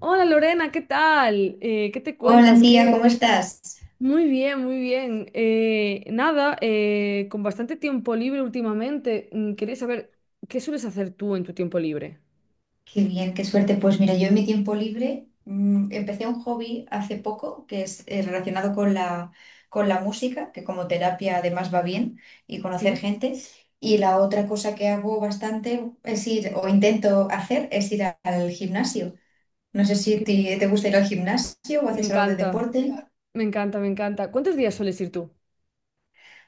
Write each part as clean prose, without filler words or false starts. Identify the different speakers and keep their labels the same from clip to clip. Speaker 1: Hola Lorena, ¿qué tal? ¿Qué te
Speaker 2: Hola,
Speaker 1: cuentas?
Speaker 2: tía, ¿cómo
Speaker 1: Que
Speaker 2: estás?
Speaker 1: muy bien, muy bien. Nada, con bastante tiempo libre últimamente, quería saber qué sueles hacer tú en tu tiempo libre.
Speaker 2: Qué bien, qué suerte. Pues mira, yo en mi tiempo libre empecé un hobby hace poco que es relacionado con la música, que como terapia además va bien, y conocer
Speaker 1: Sí,
Speaker 2: gente. Y la otra cosa que hago bastante es ir, o intento hacer, es ir al gimnasio. No sé si
Speaker 1: qué
Speaker 2: te,
Speaker 1: bien.
Speaker 2: te gusta ir al gimnasio o
Speaker 1: Me
Speaker 2: haces algo de
Speaker 1: encanta,
Speaker 2: deporte.
Speaker 1: me encanta, me encanta. ¿Cuántos días sueles ir tú?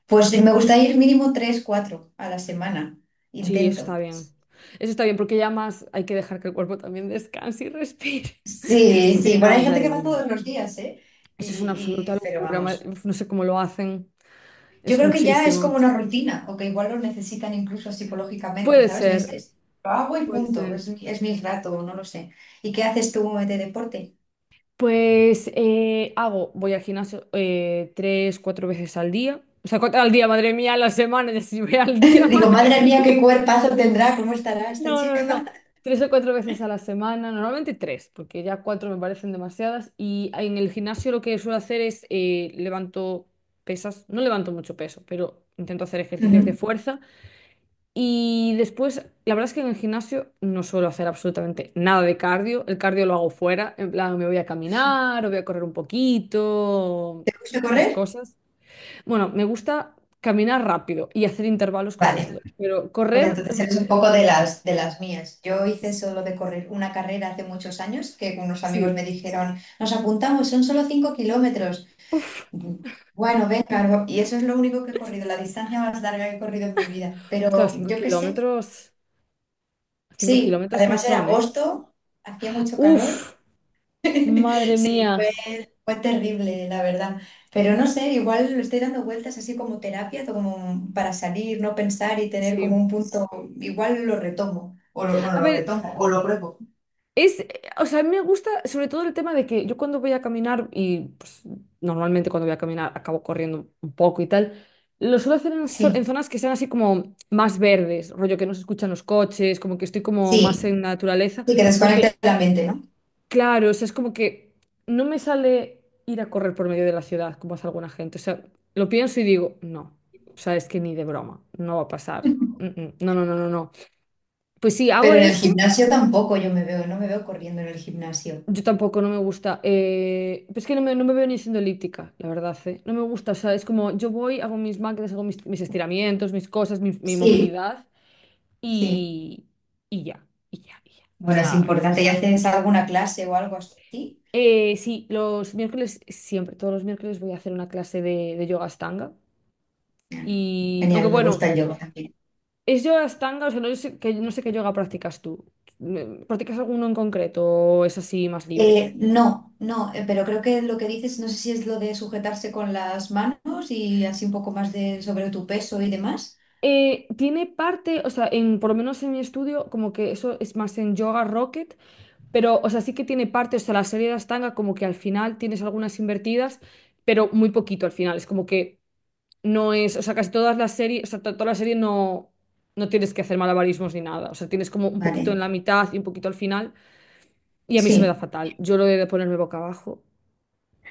Speaker 2: Pues me gusta ir mínimo tres, cuatro a la semana.
Speaker 1: Sí, eso
Speaker 2: Intento.
Speaker 1: está bien. Eso está bien, porque ya más hay que dejar que el cuerpo también descanse y respire.
Speaker 2: Sí,
Speaker 1: Sí,
Speaker 2: sí, bueno,
Speaker 1: no,
Speaker 2: hay gente
Speaker 1: madre
Speaker 2: que va
Speaker 1: mía.
Speaker 2: todos los días, ¿eh?
Speaker 1: Eso es una absoluta
Speaker 2: Pero
Speaker 1: locura.
Speaker 2: vamos,
Speaker 1: Uf, no sé cómo lo hacen.
Speaker 2: yo
Speaker 1: Es
Speaker 2: creo que ya es como
Speaker 1: muchísimo.
Speaker 2: una rutina, o que igual lo necesitan incluso psicológicamente,
Speaker 1: Puede
Speaker 2: ¿sabes? De este,
Speaker 1: ser,
Speaker 2: es, lo hago y
Speaker 1: puede
Speaker 2: punto,
Speaker 1: ser.
Speaker 2: es, es mi rato, no lo sé. ¿Y qué haces tú de deporte?
Speaker 1: Pues voy al gimnasio tres, cuatro veces al día. O sea, cuatro al día, madre mía, a la semana, ya si voy al día,
Speaker 2: Digo,
Speaker 1: madre
Speaker 2: madre mía,
Speaker 1: mía.
Speaker 2: qué cuerpazo tendrá, ¿cómo estará esta
Speaker 1: No, no, no, no.
Speaker 2: chica?
Speaker 1: Tres o cuatro veces a la semana, normalmente tres, porque ya cuatro me parecen demasiadas. Y en el gimnasio lo que suelo hacer es levanto pesas, no levanto mucho peso, pero intento hacer ejercicios de
Speaker 2: Ujú,
Speaker 1: fuerza. Y después, la verdad es que en el gimnasio no suelo hacer absolutamente nada de cardio. El cardio lo hago fuera, en plan me voy a
Speaker 2: sí.
Speaker 1: caminar o voy a correr un poquito,
Speaker 2: ¿Te gusta
Speaker 1: esas
Speaker 2: correr?
Speaker 1: cosas. Bueno, me gusta caminar rápido y hacer intervalos
Speaker 2: Vale,
Speaker 1: corriendo, pero
Speaker 2: pues
Speaker 1: correr,
Speaker 2: entonces eres un poco de las mías. Yo hice solo de correr una carrera hace muchos años, que unos amigos
Speaker 1: sí.
Speaker 2: me dijeron, nos apuntamos, son solo 5 kilómetros.
Speaker 1: Uf,
Speaker 2: Bu- Bueno, venga, y eso es lo único que he corrido, la distancia más larga que he corrido en mi vida.
Speaker 1: ostras,
Speaker 2: Pero
Speaker 1: 5
Speaker 2: yo qué sé,
Speaker 1: kilómetros, 5
Speaker 2: sí,
Speaker 1: kilómetros son
Speaker 2: además era
Speaker 1: son, ¿eh?
Speaker 2: agosto, hacía mucho calor.
Speaker 1: Uf, madre
Speaker 2: Sí, fue,
Speaker 1: mía.
Speaker 2: fue terrible, la verdad. Pero no sé, igual lo estoy dando vueltas así como terapia, como para salir, no pensar y tener como
Speaker 1: Sí.
Speaker 2: un punto, igual lo retomo. O lo, bueno,
Speaker 1: A
Speaker 2: lo
Speaker 1: ver,
Speaker 2: retomo, o lo pruebo.
Speaker 1: O sea, a mí me gusta sobre todo el tema de que yo cuando voy a caminar, y pues, normalmente cuando voy a caminar acabo corriendo un poco y tal, lo suelo hacer en, en
Speaker 2: Sí,
Speaker 1: zonas que sean así como más verdes, rollo que no se escuchan los coches, como que estoy como más
Speaker 2: sí,
Speaker 1: en la naturaleza,
Speaker 2: sí, que
Speaker 1: porque
Speaker 2: desconecta la mente, ¿no?
Speaker 1: claro, o sea, es como que no me sale ir a correr por medio de la ciudad como hace alguna gente, o sea, lo pienso y digo, no, o sea, es que ni de broma, no va a pasar. Mm, mm, no, no, no, no, no. Pues sí, hago
Speaker 2: Pero en el
Speaker 1: eso.
Speaker 2: gimnasio tampoco yo me veo, no me veo corriendo en el gimnasio.
Speaker 1: Yo tampoco, no me gusta. Es que no me veo ni siendo elíptica, la verdad, ¿eh? No me gusta, o sea, es como yo voy, hago mis máquinas, hago mis estiramientos, mis cosas, mi
Speaker 2: Sí,
Speaker 1: movilidad
Speaker 2: sí.
Speaker 1: y, y ya, y ya, y ya. O
Speaker 2: Bueno, es
Speaker 1: sea, no.
Speaker 2: importante. ¿Y haces alguna clase o algo así?
Speaker 1: Sí, los miércoles, siempre, todos los miércoles voy a hacer una clase de yoga Ashtanga.
Speaker 2: Bueno,
Speaker 1: Y, aunque
Speaker 2: genial, me
Speaker 1: bueno,
Speaker 2: gusta el yoga también.
Speaker 1: es yoga Ashtanga, o sea, no sé, no sé qué yoga practicas tú. ¿Practicas alguno en concreto o es así más libre?
Speaker 2: No, no, pero creo que lo que dices, no sé si es lo de sujetarse con las manos y así un poco más de sobre tu peso y demás.
Speaker 1: Tiene parte, o sea, por lo menos en mi estudio, como que eso es más en Yoga Rocket, pero, o sea, sí que tiene parte, o sea, la serie de Astanga, como que al final tienes algunas invertidas, pero muy poquito al final, es como que no es, o sea, casi todas las series, o sea, toda la serie no, no tienes que hacer malabarismos ni nada, o sea, tienes como un poquito en
Speaker 2: Vale,
Speaker 1: la mitad y un poquito al final, y a mí se me da
Speaker 2: sí.
Speaker 1: fatal, yo lo he de ponerme boca abajo,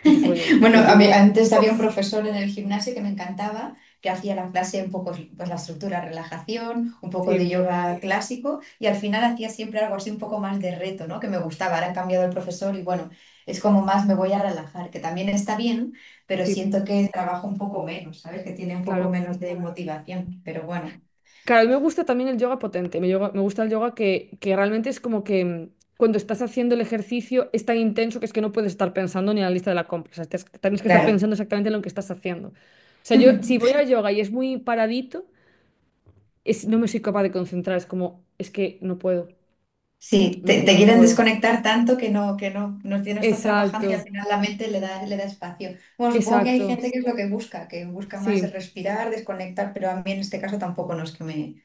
Speaker 1: yo solo
Speaker 2: Bueno,
Speaker 1: lo
Speaker 2: a mí,
Speaker 1: llevo,
Speaker 2: antes había un profesor en el gimnasio que me encantaba, que hacía la clase un poco, pues la estructura, relajación, un poco de
Speaker 1: sí,
Speaker 2: yoga clásico y al final hacía siempre algo así un poco más de reto, ¿no? Que me gustaba. Ahora han cambiado el profesor y bueno, es como más me voy a relajar, que también está bien, pero
Speaker 1: sí,
Speaker 2: siento que trabajo un poco menos, ¿sabes? Que tiene un poco
Speaker 1: claro.
Speaker 2: menos de motivación, pero bueno,
Speaker 1: Claro, a mí me gusta también el yoga potente, me gusta el yoga que realmente es como que cuando estás haciendo el ejercicio es tan intenso que es que no puedes estar pensando ni en la lista de la compra, o sea, tienes que estar pensando
Speaker 2: claro.
Speaker 1: exactamente en lo que estás haciendo. O sea, yo si voy a yoga y es muy paradito, no me soy capaz de concentrar, es como, es que no puedo,
Speaker 2: Sí,
Speaker 1: no
Speaker 2: te
Speaker 1: puedo, no
Speaker 2: quieren
Speaker 1: puedo.
Speaker 2: desconectar tanto que no, no, que no estás trabajando y al
Speaker 1: Exacto,
Speaker 2: final la mente le da espacio. Bueno, supongo que hay
Speaker 1: exacto,
Speaker 2: gente que es lo que busca más el
Speaker 1: sí,
Speaker 2: respirar, desconectar, pero a mí en este caso tampoco no es que me,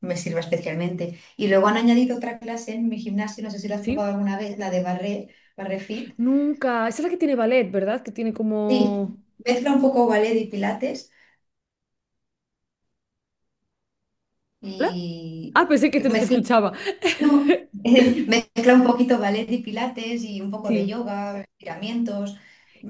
Speaker 2: me sirva especialmente. Y luego han añadido otra clase en mi gimnasio, no sé si la has probado
Speaker 1: sí.
Speaker 2: alguna vez, la de barre, barre fit.
Speaker 1: Nunca, esa es la que tiene ballet, ¿verdad? Que tiene como...
Speaker 2: Sí, mezcla un poco ballet y pilates
Speaker 1: ¿Hola?
Speaker 2: y
Speaker 1: Ah, pensé no te
Speaker 2: mezcla,
Speaker 1: escuchaba.
Speaker 2: no, mezcla un poquito ballet y pilates y un poco de
Speaker 1: Sí.
Speaker 2: yoga, estiramientos.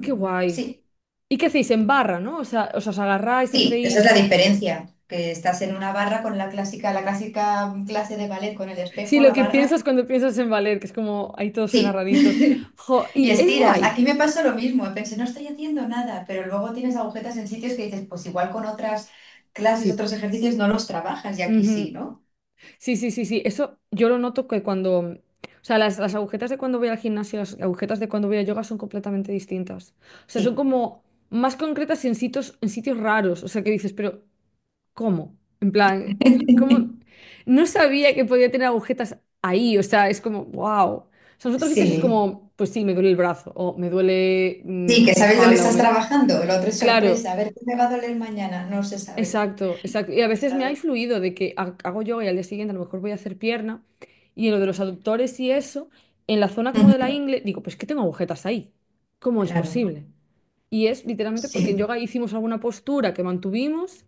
Speaker 1: Qué guay.
Speaker 2: sí,
Speaker 1: ¿Y qué hacéis en barra, no? O sea, os agarráis,
Speaker 2: sí, esa es la
Speaker 1: hacéis...
Speaker 2: diferencia, que estás en una barra con la clásica clase de ballet con el
Speaker 1: Sí,
Speaker 2: espejo,
Speaker 1: lo
Speaker 2: la
Speaker 1: que
Speaker 2: barra.
Speaker 1: piensas cuando piensas en valer, que es como ahí todos
Speaker 2: Sí.
Speaker 1: agarraditos. Jo,
Speaker 2: Y
Speaker 1: y es
Speaker 2: estiras. Aquí
Speaker 1: guay.
Speaker 2: me pasó lo mismo. Pensé, no estoy haciendo nada, pero luego tienes agujetas en sitios que dices, pues igual con otras clases,
Speaker 1: Sí.
Speaker 2: otros ejercicios no los trabajas y aquí sí,
Speaker 1: Ujú.
Speaker 2: ¿no?
Speaker 1: Sí, sí, sí, sí. Eso yo lo noto que cuando... O sea, las agujetas de cuando voy al gimnasio y las agujetas de cuando voy a yoga son completamente distintas. O sea, son
Speaker 2: Sí.
Speaker 1: como más concretas en sitios raros. O sea, que dices, pero ¿cómo? En plan, ¿cómo? No sabía que podía tener agujetas ahí, o sea, es como, wow. O sea, en otros sitios es
Speaker 2: Sí.
Speaker 1: como, pues sí, me duele el brazo, o me duele
Speaker 2: Sí, que
Speaker 1: la
Speaker 2: sabes lo que
Speaker 1: espalda, o
Speaker 2: estás
Speaker 1: me...
Speaker 2: trabajando. Lo otro es
Speaker 1: Claro,
Speaker 2: sorpresa. A ver, ¿qué me va a doler mañana? No se sabe.
Speaker 1: exacto, exacto. Y a
Speaker 2: Se
Speaker 1: veces me ha
Speaker 2: sabe.
Speaker 1: influido de que hago yoga y al día siguiente a lo mejor voy a hacer pierna, y en lo de los aductores y eso, en la zona como de la
Speaker 2: Ujú.
Speaker 1: ingle, digo, pues que tengo agujetas ahí. ¿Cómo es
Speaker 2: Claro.
Speaker 1: posible? Y es literalmente porque en
Speaker 2: Sí.
Speaker 1: yoga hicimos alguna postura que mantuvimos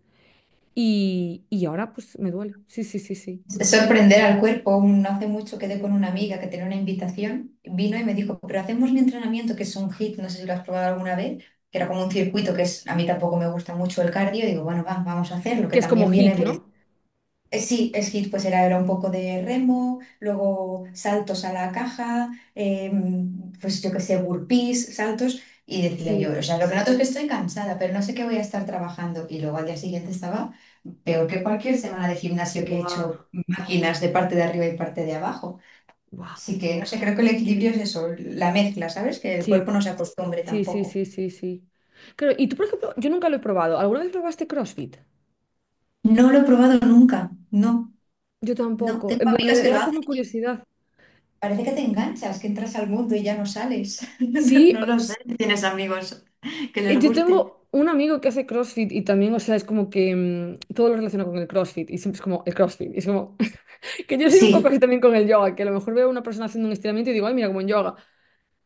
Speaker 1: y ahora pues me duele. Sí, sí, sí, sí.
Speaker 2: Es sorprender al cuerpo. No hace mucho quedé con una amiga que tenía una invitación, vino y me dijo, pero hacemos un entrenamiento que es un hit, no sé si lo has probado alguna vez, que era como un circuito que es, a mí tampoco me gusta mucho el cardio, y digo, bueno, va, vamos a hacerlo, que
Speaker 1: Que es como
Speaker 2: también viene,
Speaker 1: hit, ¿no?
Speaker 2: sí, skit pues era un poco de remo, luego saltos a la caja, pues yo qué sé, burpees, saltos, y decía
Speaker 1: Sí.
Speaker 2: yo, o sea, lo que noto es que estoy cansada, pero no sé qué voy a estar trabajando. Y luego al día siguiente estaba peor que cualquier semana de gimnasio que he hecho
Speaker 1: Buah,
Speaker 2: máquinas de parte de arriba y parte de abajo.
Speaker 1: buah.
Speaker 2: Así que, no sé, creo que el equilibrio es eso, la mezcla, ¿sabes? Que el
Speaker 1: Sí,
Speaker 2: cuerpo no se acostumbre
Speaker 1: sí, sí,
Speaker 2: tampoco.
Speaker 1: sí, sí, sí. Claro, y tú, por ejemplo, yo nunca lo he probado. ¿Alguna vez probaste CrossFit?
Speaker 2: No lo he probado nunca, no,
Speaker 1: Yo
Speaker 2: no.
Speaker 1: tampoco.
Speaker 2: Tengo
Speaker 1: En plan, me
Speaker 2: amigas que lo
Speaker 1: da
Speaker 2: hacen.
Speaker 1: como curiosidad.
Speaker 2: Parece que te enganchas, que entras al mundo y ya no sales. No,
Speaker 1: Sí,
Speaker 2: no lo sé. ¿Tienes amigos que les
Speaker 1: yo
Speaker 2: guste?
Speaker 1: tengo un amigo que hace CrossFit y también, o sea, es como que todo lo relaciona con el CrossFit y siempre es como el CrossFit. Y es como que yo soy un poco
Speaker 2: Sí,
Speaker 1: así también con el yoga, que a lo mejor veo a una persona haciendo un estiramiento y digo, ay, mira, como en yoga.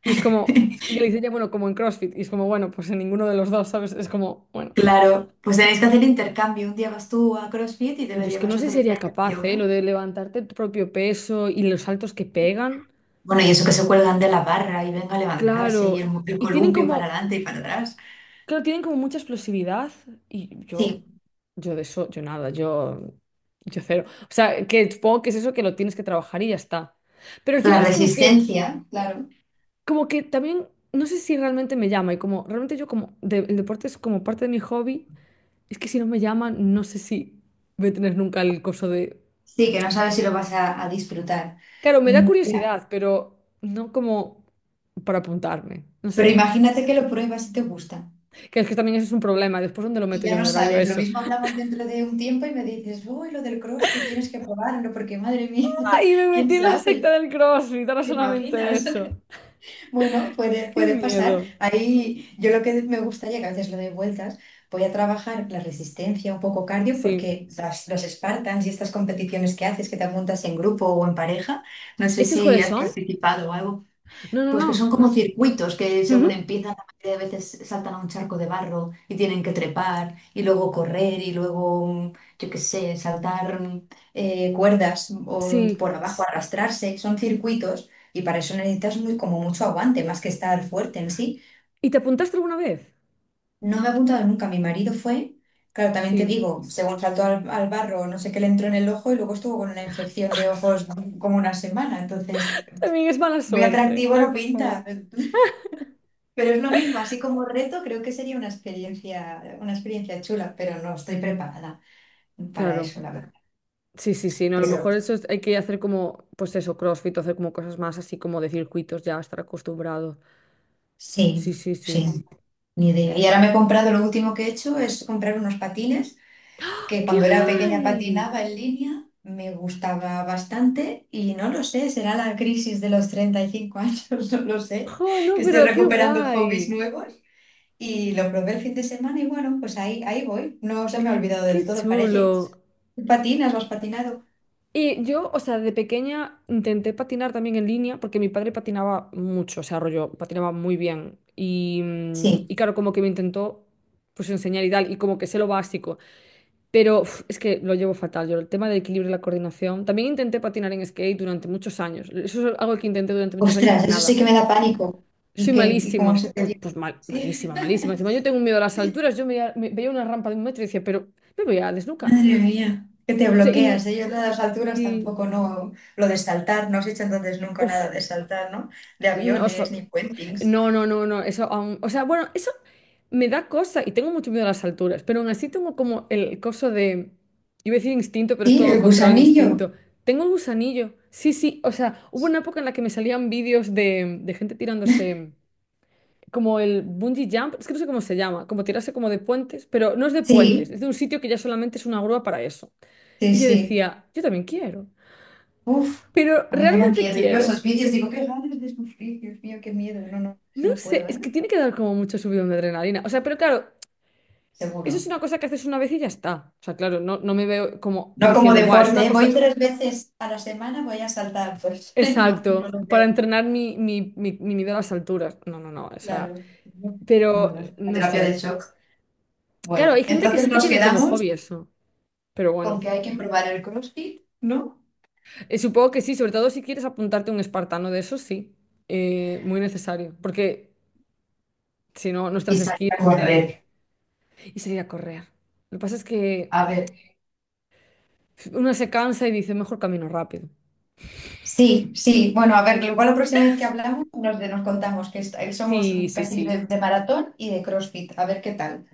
Speaker 1: Y es como, y le dice ya, bueno, como en CrossFit. Y es como, bueno, pues en ninguno de los dos, ¿sabes? Es como, bueno.
Speaker 2: claro. Pues tenéis que hacer intercambio. Un día vas tú a CrossFit y te
Speaker 1: Yo
Speaker 2: lo
Speaker 1: es que
Speaker 2: llevas
Speaker 1: no sé si
Speaker 2: otro
Speaker 1: sería
Speaker 2: día a
Speaker 1: capaz, ¿eh?
Speaker 2: yoga.
Speaker 1: Lo de levantarte tu propio peso y los saltos que pegan.
Speaker 2: Bueno, y eso que se cuelgan de la barra y venga a levantarse y
Speaker 1: Claro,
Speaker 2: el
Speaker 1: y tienen
Speaker 2: columpio para
Speaker 1: como,
Speaker 2: adelante y para atrás.
Speaker 1: claro, tienen como mucha explosividad y yo,
Speaker 2: Sí,
Speaker 1: yo de eso, yo nada, yo cero. O sea, que supongo que es eso que lo tienes que trabajar y ya está. Pero al final
Speaker 2: la
Speaker 1: es
Speaker 2: resistencia, claro.
Speaker 1: como que también, no sé si realmente me llama y como, realmente yo como, el deporte es como parte de mi hobby, es que si no me llama, no sé si voy a tener nunca el coso de.
Speaker 2: Sí, que no sabes si lo vas a disfrutar.
Speaker 1: Claro, me da
Speaker 2: Mm, ya.
Speaker 1: curiosidad, pero no como para apuntarme, no
Speaker 2: Pero
Speaker 1: sé.
Speaker 2: imagínate que lo pruebas y te gusta.
Speaker 1: Que es que también eso es un problema, después dónde lo
Speaker 2: Y
Speaker 1: meto yo
Speaker 2: ya
Speaker 1: en
Speaker 2: no
Speaker 1: mi horario
Speaker 2: sales. Lo
Speaker 1: eso.
Speaker 2: mismo hablamos dentro de un tiempo y me dices, uy, lo del CrossFit tienes que probarlo, porque madre mía,
Speaker 1: Ay, me
Speaker 2: quién
Speaker 1: metí en la secta
Speaker 2: sabe.
Speaker 1: del CrossFit, ahora
Speaker 2: ¿Te
Speaker 1: solamente
Speaker 2: imaginas?
Speaker 1: eso.
Speaker 2: Bueno, puede,
Speaker 1: Qué
Speaker 2: puede pasar.
Speaker 1: miedo.
Speaker 2: Ahí yo lo que me gustaría, que a veces lo doy vueltas, voy a trabajar la resistencia, un poco cardio,
Speaker 1: Sí.
Speaker 2: porque los Spartans y estas competiciones que haces, que te apuntas en grupo o en pareja, no sé
Speaker 1: ¿Esos
Speaker 2: si
Speaker 1: cuáles
Speaker 2: has
Speaker 1: son?
Speaker 2: participado o algo,
Speaker 1: No, no,
Speaker 2: pues que
Speaker 1: no,
Speaker 2: son como
Speaker 1: no.
Speaker 2: circuitos que según
Speaker 1: Ujú.
Speaker 2: empiezan, la mayoría de veces saltan a un charco de barro y tienen que trepar y luego correr y luego, yo qué sé, saltar cuerdas o
Speaker 1: Sí.
Speaker 2: por abajo arrastrarse. Son circuitos y para eso necesitas como mucho aguante, más que estar fuerte en sí.
Speaker 1: ¿Y te apuntaste alguna vez?
Speaker 2: No me he apuntado nunca, mi marido fue, claro, también te
Speaker 1: Sí.
Speaker 2: digo, según saltó al barro, no sé qué le entró en el ojo y luego estuvo con una infección de ojos como una semana. Entonces,
Speaker 1: También es mala
Speaker 2: muy
Speaker 1: suerte.
Speaker 2: atractivo
Speaker 1: Ay,
Speaker 2: no
Speaker 1: por favor.
Speaker 2: pinta. Pero es lo mismo, así como reto, creo que sería una experiencia chula, pero no estoy preparada para
Speaker 1: Claro.
Speaker 2: eso, la verdad.
Speaker 1: Sí, sí, sí. No, a lo
Speaker 2: Pero
Speaker 1: mejor eso hay que hacer como, pues eso, CrossFit, o hacer como cosas más así como de circuitos, ya estar acostumbrado.
Speaker 2: sí,
Speaker 1: Sí, sí, sí.
Speaker 2: sí, ni idea. Y ahora me he comprado, lo último que he hecho es comprar unos patines, que
Speaker 1: ¡Qué
Speaker 2: cuando era pequeña
Speaker 1: guay!
Speaker 2: patinaba en línea, me gustaba bastante y no lo sé, será la crisis de los 35 años, no lo sé,
Speaker 1: ¡Oh, no,
Speaker 2: que estoy
Speaker 1: pero qué
Speaker 2: recuperando hobbies
Speaker 1: guay!
Speaker 2: nuevos. Y lo probé el fin de semana y bueno, pues ahí voy. No se me ha olvidado del
Speaker 1: ¡Qué
Speaker 2: todo,
Speaker 1: chulo!
Speaker 2: parece. ¿Patinas? ¿Lo has patinado?
Speaker 1: Y yo, o sea, de pequeña intenté patinar también en línea porque mi padre patinaba mucho, o sea, rollo, patinaba muy bien. Y
Speaker 2: Sí.
Speaker 1: claro, como que me intentó pues enseñar y tal, y como que sé lo básico. Pero uf, es que lo llevo fatal, yo el tema del equilibrio y la coordinación. También intenté patinar en skate durante muchos años. Eso es algo que intenté durante muchos años,
Speaker 2: Ostras, eso sí
Speaker 1: nada.
Speaker 2: que me da pánico. ¿Y
Speaker 1: Soy
Speaker 2: qué? ¿Y cómo
Speaker 1: malísima,
Speaker 2: se te
Speaker 1: pues,
Speaker 2: dio?
Speaker 1: pues
Speaker 2: Sí.
Speaker 1: malísima, malísima. Encima yo tengo un miedo a las alturas, yo veía, veía una rampa de un metro y decía, pero me voy a desnucar.
Speaker 2: Madre mía, que te
Speaker 1: O sea,
Speaker 2: bloqueas. Ellos lo las alturas
Speaker 1: y-
Speaker 2: tampoco, no. Lo de saltar, no has hecho entonces nunca nada
Speaker 1: uf,
Speaker 2: de saltar, ¿no? De
Speaker 1: no, o sea,
Speaker 2: aviones ni puentings.
Speaker 1: no, no, no, no, o sea, bueno, eso me da cosa y tengo mucho miedo a las alturas, pero aún así tengo como el coso de, iba a decir instinto, pero es
Speaker 2: Sí,
Speaker 1: todo lo
Speaker 2: el
Speaker 1: contrario al
Speaker 2: gusanillo.
Speaker 1: instinto. Tengo el gusanillo, sí, sí, o sea, hubo una época en la que me salían vídeos de gente tirándose como el bungee jump, es que no sé cómo se llama, como tirarse como de puentes, pero no es de puentes, es
Speaker 2: Sí,
Speaker 1: de un sitio que ya solamente es una grúa para eso.
Speaker 2: sí,
Speaker 1: Y yo
Speaker 2: sí.
Speaker 1: decía, yo también quiero,
Speaker 2: Uf,
Speaker 1: pero
Speaker 2: a mí me da
Speaker 1: realmente
Speaker 2: miedo. Yo
Speaker 1: quiero.
Speaker 2: esos vídeos digo, qué ganas de sufrir, Dios mío, qué miedo. No, no, eso
Speaker 1: No
Speaker 2: no
Speaker 1: sé,
Speaker 2: puedo,
Speaker 1: es
Speaker 2: ¿eh?
Speaker 1: que tiene que dar como mucho subidón de adrenalina. O sea, pero claro, eso es
Speaker 2: Seguro.
Speaker 1: una cosa que haces una vez y ya está. O sea, claro, no, no me veo como
Speaker 2: No como
Speaker 1: diciendo, guau, es una
Speaker 2: deporte, ¿eh? Voy
Speaker 1: cosa...
Speaker 2: 3 veces a la semana, voy a saltar, pues no, no
Speaker 1: Exacto,
Speaker 2: lo
Speaker 1: para
Speaker 2: veo.
Speaker 1: entrenar mi miedo a las alturas. No, no, no, o sea,
Speaker 2: Claro. No, no,
Speaker 1: pero
Speaker 2: no es una
Speaker 1: no
Speaker 2: terapia de
Speaker 1: sé.
Speaker 2: shock.
Speaker 1: Claro,
Speaker 2: Bueno, sí,
Speaker 1: hay gente que
Speaker 2: entonces
Speaker 1: sí que
Speaker 2: nos
Speaker 1: tiene como
Speaker 2: quedamos
Speaker 1: hobby eso, pero
Speaker 2: con
Speaker 1: bueno.
Speaker 2: que hay que probar el CrossFit, ¿no?
Speaker 1: Supongo que sí, sobre todo si quieres apuntarte a un espartano de esos, sí. Muy necesario. Porque si no, nuestras
Speaker 2: Y salir a
Speaker 1: skills de...
Speaker 2: correr.
Speaker 1: Y salir a correr. Lo que pasa es que
Speaker 2: A ver,
Speaker 1: uno se cansa y dice, mejor camino rápido.
Speaker 2: sí, sí. Bueno, a ver, igual la próxima vez que hablamos nos contamos que somos
Speaker 1: Sí, sí,
Speaker 2: casi
Speaker 1: sí.
Speaker 2: de maratón y de CrossFit. A ver qué tal.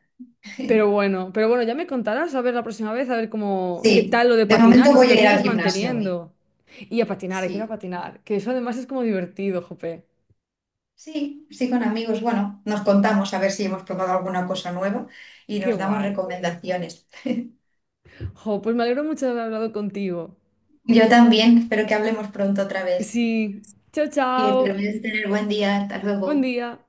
Speaker 1: Pero bueno, ya me contarás a ver la próxima vez, a ver cómo, qué
Speaker 2: Sí,
Speaker 1: tal lo de
Speaker 2: de
Speaker 1: patinar
Speaker 2: momento
Speaker 1: y si
Speaker 2: voy
Speaker 1: lo
Speaker 2: a ir
Speaker 1: sigues
Speaker 2: al gimnasio hoy.
Speaker 1: manteniendo. Y a patinar, quiero
Speaker 2: Sí.
Speaker 1: patinar, que eso además es como divertido, jope.
Speaker 2: Sí, sí, con amigos. Bueno, nos contamos a ver si hemos probado alguna cosa nueva y
Speaker 1: Qué
Speaker 2: nos damos
Speaker 1: guay.
Speaker 2: recomendaciones.
Speaker 1: Jo, pues me alegro mucho de haber hablado contigo.
Speaker 2: Yo también, espero que hablemos pronto otra vez.
Speaker 1: Sí, chao,
Speaker 2: Que te
Speaker 1: chao.
Speaker 2: vez tener buen día. Hasta
Speaker 1: Buen
Speaker 2: luego.
Speaker 1: día.